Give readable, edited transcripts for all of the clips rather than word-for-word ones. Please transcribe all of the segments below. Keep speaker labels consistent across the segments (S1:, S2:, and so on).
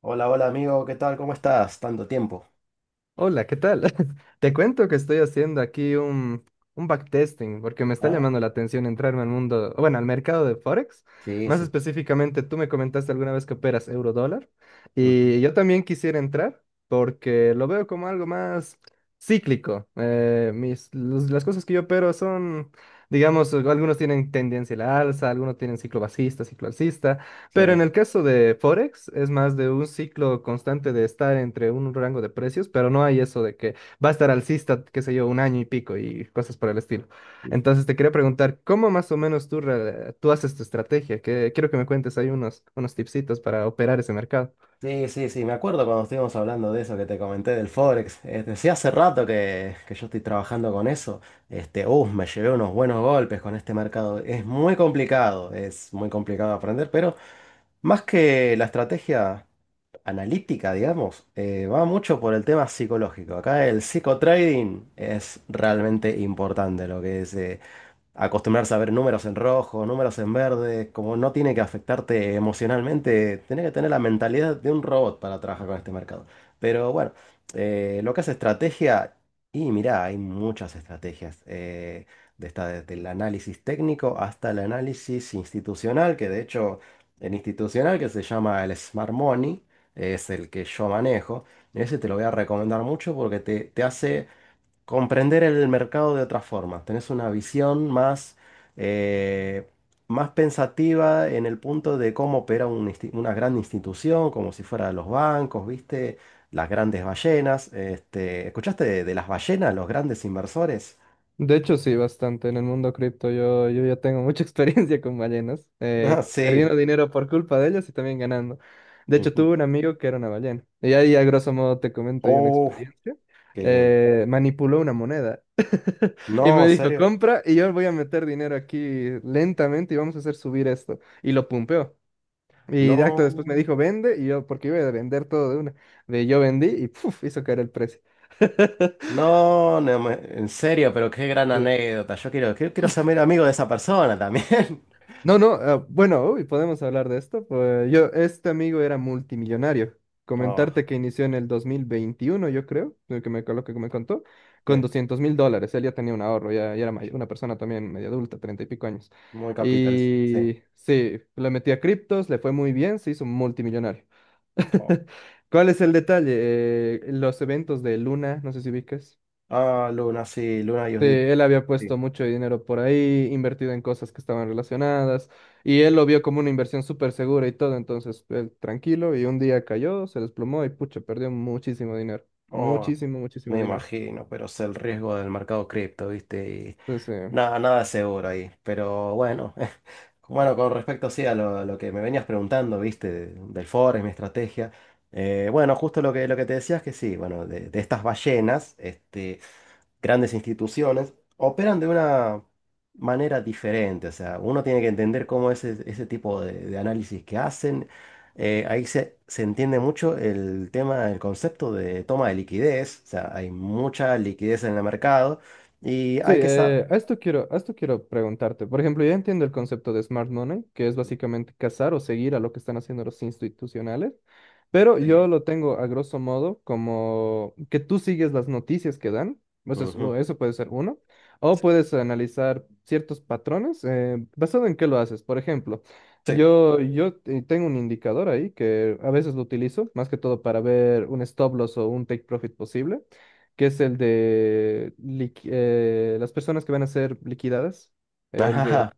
S1: Hola, hola amigo, ¿qué tal? ¿Cómo estás? Tanto tiempo.
S2: Hola, ¿qué tal? Te cuento que estoy haciendo aquí un backtesting porque me está
S1: Ah,
S2: llamando la atención entrarme al mundo, bueno, al mercado de Forex.
S1: sí,
S2: Más
S1: sí.
S2: específicamente, tú me comentaste alguna vez que operas euro-dólar
S1: Ujú.
S2: y yo también quisiera entrar porque lo veo como algo más cíclico. Las cosas que yo opero son, digamos, algunos tienen tendencia a la alza, algunos tienen ciclo bajista, ciclo alcista.
S1: Sí,
S2: Pero en el caso de Forex, es más de un ciclo constante de estar entre un rango de precios, pero no hay eso de que va a estar alcista, qué sé yo, un año y pico y cosas por el estilo. Entonces te quería preguntar, ¿cómo más o menos tú haces tu estrategia? Que quiero que me cuentes ahí unos tipsitos para operar ese mercado.
S1: sí, sí, sí, me acuerdo cuando estuvimos hablando de eso que te comenté del Forex. Decía hace rato que yo estoy trabajando con eso. Me llevé unos buenos golpes con este mercado. Es muy complicado aprender, pero más que la estrategia analítica, digamos, va mucho por el tema psicológico. Acá el psicotrading es realmente importante lo que es. Acostumbrarse a ver números en rojo, números en verde, como no tiene que afectarte emocionalmente, tenés que tener la mentalidad de un robot para trabajar con este mercado. Pero bueno, lo que es estrategia, y mirá, hay muchas estrategias, desde el análisis técnico hasta el análisis institucional, que de hecho el institucional que se llama el Smart Money, es el que yo manejo, ese te lo voy a recomendar mucho porque te hace comprender el mercado de otra forma. Tenés una visión más, eh, más pensativa en el punto de cómo opera una gran institución, como si fuera los bancos, ¿viste? Las grandes ballenas. Este, ¿escuchaste de las ballenas, los grandes inversores?
S2: De hecho, sí, bastante. En el mundo cripto yo ya tengo mucha experiencia con ballenas,
S1: Ah,
S2: perdiendo
S1: sí.
S2: dinero por culpa de ellas y también ganando. De hecho,
S1: Ujú.
S2: tuve un amigo que era una ballena. Y ahí, a grosso modo, te comento yo una
S1: Oh,
S2: experiencia.
S1: qué lindo.
S2: Manipuló una moneda y
S1: No,
S2: me
S1: ¿en
S2: dijo,
S1: serio?
S2: compra y yo voy a meter dinero aquí lentamente y vamos a hacer subir esto. Y lo pumpeó. Y de acto después me
S1: No.
S2: dijo, vende y yo, porque iba a vender todo de una. De yo vendí y puf, hizo caer el precio.
S1: No, en serio, pero qué gran anécdota. Yo quiero, quiero, quiero ser medio amigo de esa persona también.
S2: No, no, ah, bueno, uy, podemos hablar de esto. Pues yo, este amigo era multimillonario.
S1: Oh,
S2: Comentarte que inició en el 2021, yo creo, lo que me contó, con
S1: sí.
S2: $200,000. Él ya tenía un ahorro, ya, ya era mayor, una persona también media adulta, 30 y pico años.
S1: Muy capitalista, sí.
S2: Y sí, le metí a criptos, le fue muy bien, se hizo multimillonario.
S1: Oh.
S2: ¿Cuál es el detalle? Los eventos de Luna, no sé si ubicas.
S1: Ah, Luna, sí, Luna y
S2: Sí,
S1: Judith,
S2: él había puesto
S1: sí.
S2: mucho dinero por ahí, invertido en cosas que estaban relacionadas, y él lo vio como una inversión súper segura y todo, entonces él tranquilo, y un día cayó, se desplomó y pucha, perdió muchísimo dinero,
S1: Oh,
S2: muchísimo, muchísimo
S1: me
S2: dinero.
S1: imagino, pero es el riesgo del mercado cripto, ¿viste? Y
S2: Entonces, eh,
S1: nada, nada es seguro ahí. Pero bueno, bueno, con respecto sí a lo que me venías preguntando, ¿viste? Del forex, mi estrategia. Bueno, justo lo que te decías que sí, bueno, de estas ballenas, este. Grandes instituciones, operan de una manera diferente. O sea, uno tiene que entender cómo es ese, ese tipo de análisis que hacen. Ahí se entiende mucho el tema, el concepto de toma de liquidez. O sea, hay mucha liquidez en el mercado y
S2: Sí,
S1: hay que saber...
S2: a esto quiero preguntarte. Por ejemplo, ya entiendo el concepto de smart money, que es básicamente cazar o seguir a lo que están haciendo los institucionales, pero
S1: Sí.
S2: yo lo tengo a grosso modo como que tú sigues las noticias que dan, o sea, o
S1: Ujú.
S2: eso puede ser uno, o
S1: Sí.
S2: puedes analizar ciertos patrones, basado en qué lo haces. Por ejemplo,
S1: Sí.
S2: yo tengo un indicador ahí que a veces lo utilizo, más que todo para ver un stop loss o un take profit posible que es el de las personas que van a ser liquidadas. El, de-
S1: Ajá.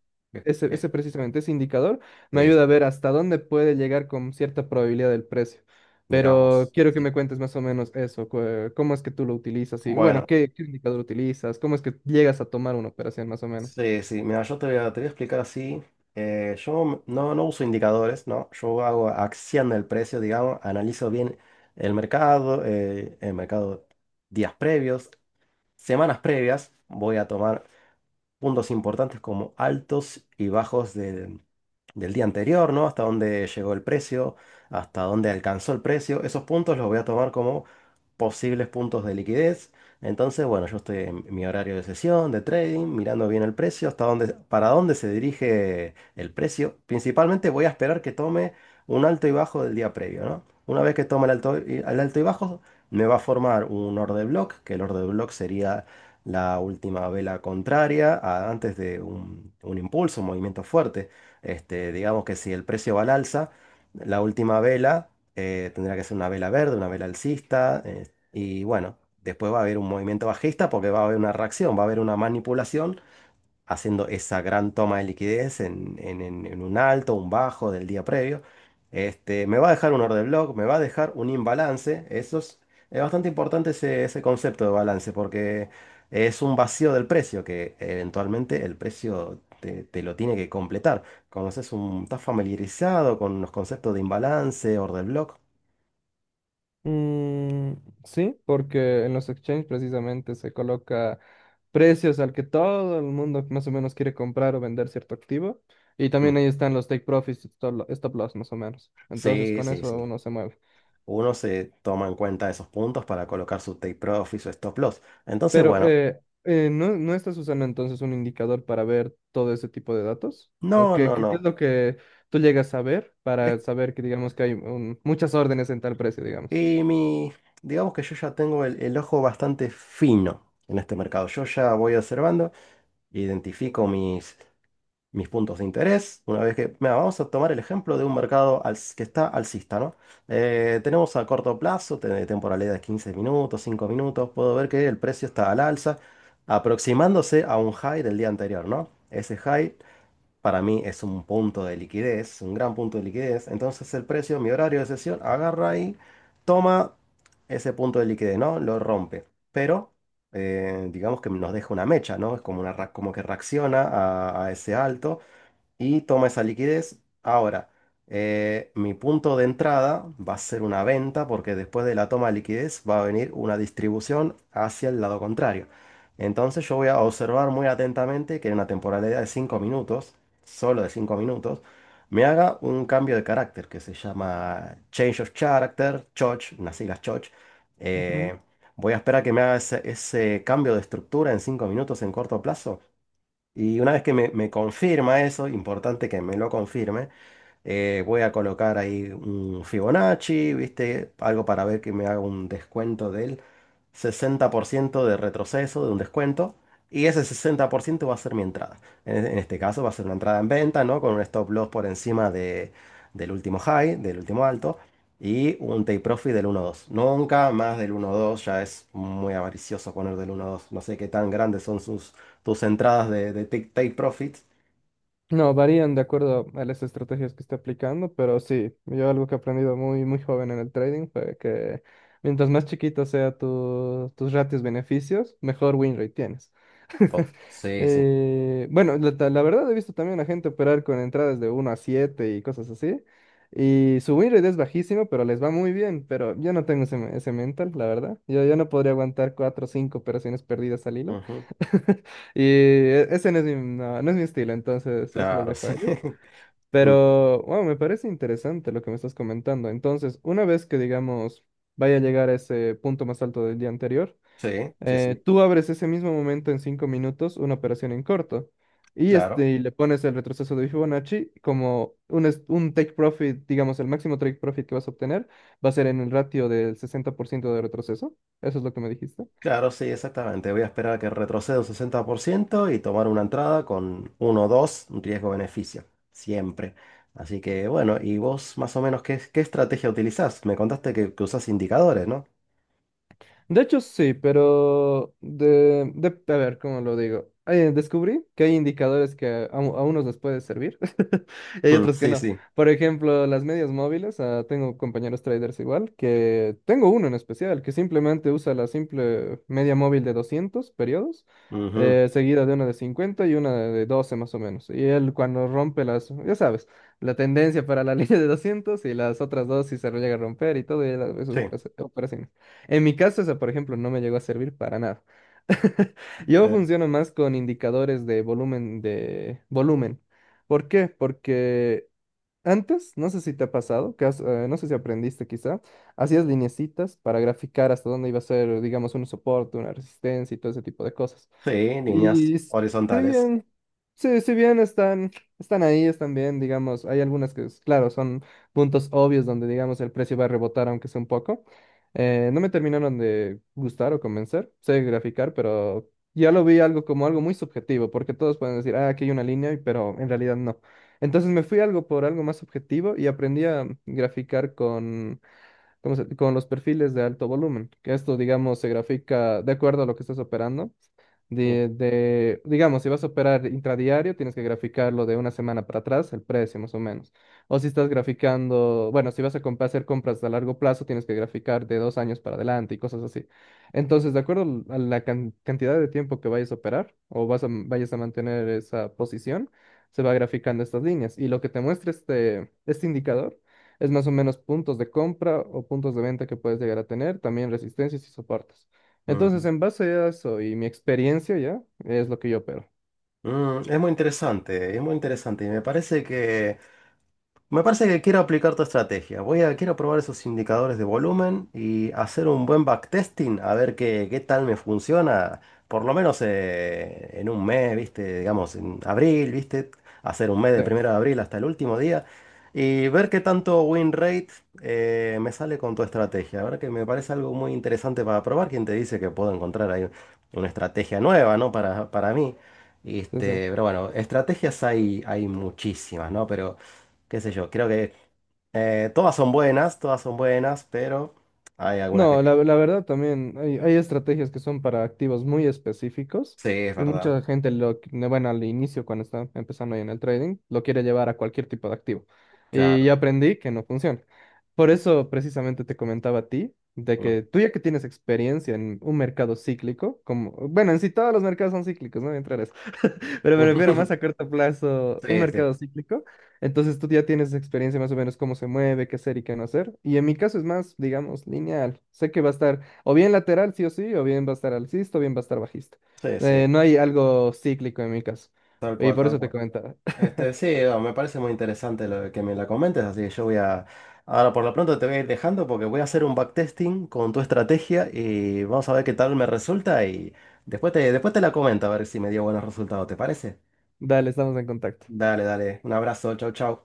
S2: Ese, ese precisamente, ese indicador me ayuda a
S1: Sí.
S2: ver hasta dónde puede llegar con cierta probabilidad del precio.
S1: Mira
S2: Pero
S1: vos.
S2: quiero que
S1: Sí.
S2: me cuentes más o menos eso, cómo es que tú lo utilizas y bueno,
S1: Bueno.
S2: ¿qué, qué indicador utilizas? ¿Cómo es que llegas a tomar una operación más o menos?
S1: Sí, sí, mira, yo te voy a explicar así. Yo no, No uso indicadores, ¿no? Yo hago acción del precio, digamos, analizo bien el mercado, días previos, semanas previas, voy a tomar puntos importantes como altos y bajos del día anterior, ¿no? Hasta dónde llegó el precio, hasta dónde alcanzó el precio. Esos puntos los voy a tomar como posibles puntos de liquidez. Entonces, bueno, yo estoy en mi horario de sesión, de trading, mirando bien el precio, hasta dónde, para dónde se dirige el precio. Principalmente voy a esperar que tome un alto y bajo del día previo, ¿no? Una vez que tome el alto y bajo, me va a formar un order block, que el order block sería la última vela contraria antes de un impulso, un movimiento fuerte. Este, digamos que si el precio va al alza, la última vela tendrá que ser una vela verde, una vela alcista, y bueno, después va a haber un movimiento bajista porque va a haber una reacción, va a haber una manipulación haciendo esa gran toma de liquidez en un alto, un bajo del día previo. Este, me va a dejar un order block, me va a dejar un imbalance. Eso es bastante importante ese, ese concepto de balance porque es un vacío del precio que eventualmente el precio te lo tiene que completar. ¿Conoces un, estás familiarizado con los conceptos de imbalance, order block?
S2: Mm, sí, porque en los exchanges precisamente se coloca precios al que todo el mundo más o menos quiere comprar o vender cierto activo. Y
S1: Mm.
S2: también ahí están los take profits y stop loss más o menos. Entonces
S1: Sí,
S2: con
S1: sí,
S2: eso
S1: sí.
S2: uno se mueve.
S1: Uno se toma en cuenta esos puntos para colocar su take profit, su stop loss. Entonces,
S2: Pero
S1: bueno,
S2: ¿no, no estás usando entonces un indicador para ver todo ese tipo de datos? ¿O
S1: no, no,
S2: qué es
S1: no.
S2: lo que tú llegas a ver para
S1: Es-
S2: saber que digamos que hay muchas órdenes en tal precio, digamos?
S1: que mi, digamos que yo ya tengo el ojo bastante fino en este mercado. Yo ya voy observando, identifico mis, mis puntos de interés. Una vez que, mira, vamos a tomar el ejemplo de un mercado que está alcista, ¿no? Tenemos a corto plazo, temporalidad de 15 minutos, 5 minutos. Puedo ver que el precio está al alza, aproximándose a un high del día anterior, ¿no? Ese high para mí es un punto de liquidez, un gran punto de liquidez. Entonces el precio, mi horario de sesión, agarra y toma ese punto de liquidez, ¿no? Lo rompe. Pero digamos que nos deja una mecha, ¿no? Es como, una, como que reacciona a ese alto y toma esa liquidez. Ahora, mi punto de entrada va a ser una venta porque después de la toma de liquidez va a venir una distribución hacia el lado contrario. Entonces yo voy a observar muy atentamente que en una temporalidad de 5 minutos, solo de 5 minutos, me haga un cambio de carácter que se llama Change of Character, CHOCH, unas siglas CHOCH. Eh, Voy a esperar que me haga ese, ese cambio de estructura en 5 minutos en corto plazo. Y una vez que me confirma eso, importante que me lo confirme, voy a colocar ahí un Fibonacci, ¿viste? Algo para ver que me haga un descuento del 60% de retroceso, de un descuento. Y ese 60% va a ser mi entrada. En este caso va a ser una entrada en venta, ¿no? Con un stop loss por encima del último high, del último alto. Y un take profit del 1:2. Nunca más del 1:2. Ya es muy avaricioso poner del 1:2. No sé qué tan grandes son sus, tus entradas de take profits.
S2: No, varían de acuerdo a las estrategias que esté aplicando, pero sí, yo algo que he aprendido muy, muy joven en el trading fue que mientras más chiquito sea tus ratios beneficios, mejor win rate tienes.
S1: Oh, sí, sí.
S2: Bueno, la verdad he visto también a gente operar con entradas de uno a 7 y cosas así, y su win rate es bajísimo, pero les va muy bien, pero yo no tengo ese, ese mental, la verdad. Yo no podría aguantar 4 o 5 operaciones perdidas al hilo.
S1: Ujú.
S2: Y ese no es mi, no, no es mi estilo, entonces yo se los
S1: Claro,
S2: dejo
S1: sí.
S2: a ellos.
S1: Mm,
S2: Pero, wow, me parece interesante lo que me estás comentando. Entonces, una vez que, digamos, vaya a llegar a ese punto más alto del día anterior,
S1: sí, sí, sí,
S2: tú abres ese mismo momento en 5 minutos una operación en corto. Y,
S1: claro.
S2: este, y le pones el retroceso de Fibonacci como un take profit, digamos, el máximo take profit que vas a obtener va a ser en el ratio del 60% de retroceso. Eso es lo que me dijiste.
S1: Claro, sí, exactamente. Voy a esperar a que retroceda un 60% y tomar una entrada con uno o 2, un riesgo-beneficio, siempre. Así que bueno, ¿y vos más o menos qué, qué estrategia utilizás? Me contaste que usás indicadores, ¿no?
S2: De hecho, sí, pero a ver, ¿cómo lo digo? Descubrí que hay indicadores que a unos les puede servir y hay
S1: Mm,
S2: otros que
S1: sí,
S2: no.
S1: sí.
S2: Por ejemplo, las medias móviles, ah, tengo compañeros traders igual, que tengo uno en especial que simplemente usa la simple media móvil de 200 periodos,
S1: Ujú.
S2: seguida de una de 50 y una de 12 más o menos. Y él cuando rompe las, ya sabes, la tendencia para la línea de 200 y las otras dos si se llega a romper y todo, y él,
S1: Sí,
S2: eso es operación. En mi caso, eso, por ejemplo, no me llegó a servir para nada. Yo
S1: eh,
S2: funciono más con indicadores de volumen. ¿Por qué? Porque antes, no sé si te ha pasado, que no sé si aprendiste quizá, hacías lineecitas para graficar hasta dónde iba a ser, digamos, un soporte, una resistencia y todo ese tipo de cosas.
S1: sí, líneas
S2: Y s- si
S1: horizontales.
S2: bien, sí, si bien están, están ahí, están bien, digamos, hay algunas que, claro, son puntos obvios donde, digamos, el precio va a rebotar, aunque sea un poco. No me terminaron de gustar o convencer, sé graficar, pero ya lo vi algo como algo muy subjetivo, porque todos pueden decir, ah, aquí hay una línea, pero en realidad no. Entonces me fui algo por algo más subjetivo y aprendí a graficar con los perfiles de alto volumen, que esto, digamos, se grafica de acuerdo a lo que estás operando.
S1: Mm,
S2: Digamos, si vas a operar intradiario, tienes que graficarlo de una semana para atrás, el precio más o menos. O si estás graficando, bueno, si vas a hacer compras a largo plazo, tienes que graficar de 2 años para adelante y cosas así. Entonces, de acuerdo a la cantidad de tiempo que vayas a operar o vayas a mantener esa posición, se va graficando estas líneas. Y lo que te muestra este indicador es más o menos puntos de compra o puntos de venta que puedes llegar a tener, también resistencias y soportes. Entonces,
S1: ujú.
S2: en base a eso y mi experiencia ya, es lo que yo opero.
S1: Mm, es muy interesante y me parece. Me parece que quiero aplicar tu estrategia. Quiero probar esos indicadores de volumen y hacer un buen backtesting a ver qué, qué tal me funciona. Por lo menos en un mes, ¿viste? Digamos, en abril, ¿viste? Hacer un mes
S2: Sí,
S1: del 1 de abril hasta el último día y ver qué tanto win rate me sale con tu estrategia. La verdad que me parece algo muy interesante para probar. ¿Quién te dice que puedo encontrar ahí una estrategia nueva, ¿no? Para mí.
S2: sí, sí.
S1: Este, pero bueno, estrategias hay, hay muchísimas, ¿no? Pero qué sé yo, creo que todas son buenas, pero hay algunas que...
S2: No, la verdad también hay estrategias que son para activos muy específicos
S1: Sí, es
S2: y
S1: verdad,
S2: mucha gente lo, bueno, al inicio cuando está empezando ahí en el trading, lo quiere llevar a cualquier tipo de activo. Y ya
S1: claro.
S2: aprendí que no funciona. Por eso precisamente te comentaba a ti de
S1: Mm.
S2: que tú ya que tienes experiencia en un mercado cíclico, como, bueno, en sí todos los mercados son cíclicos, ¿no? Entrar pero me refiero más a corto plazo, un
S1: Sí, sí,
S2: mercado cíclico. Entonces tú ya tienes experiencia más o menos cómo se mueve, qué hacer y qué no hacer. Y en mi caso es más, digamos, lineal. Sé que va a estar o bien lateral, sí o sí, o bien va a estar alcista, o bien va a estar bajista.
S1: sí, sí,
S2: No hay algo cíclico en mi caso.
S1: tal
S2: Y
S1: cual,
S2: por
S1: tal
S2: eso te
S1: cual.
S2: comentaba.
S1: Este, sí, no, me parece muy interesante lo de que me la comentes, así que yo voy a... Ahora por lo pronto te voy a ir dejando porque voy a hacer un backtesting con tu estrategia y vamos a ver qué tal me resulta y después te la comento a ver si me dio buenos resultados, ¿te parece?
S2: Dale, estamos en contacto.
S1: Dale, dale, un abrazo, chau, chau.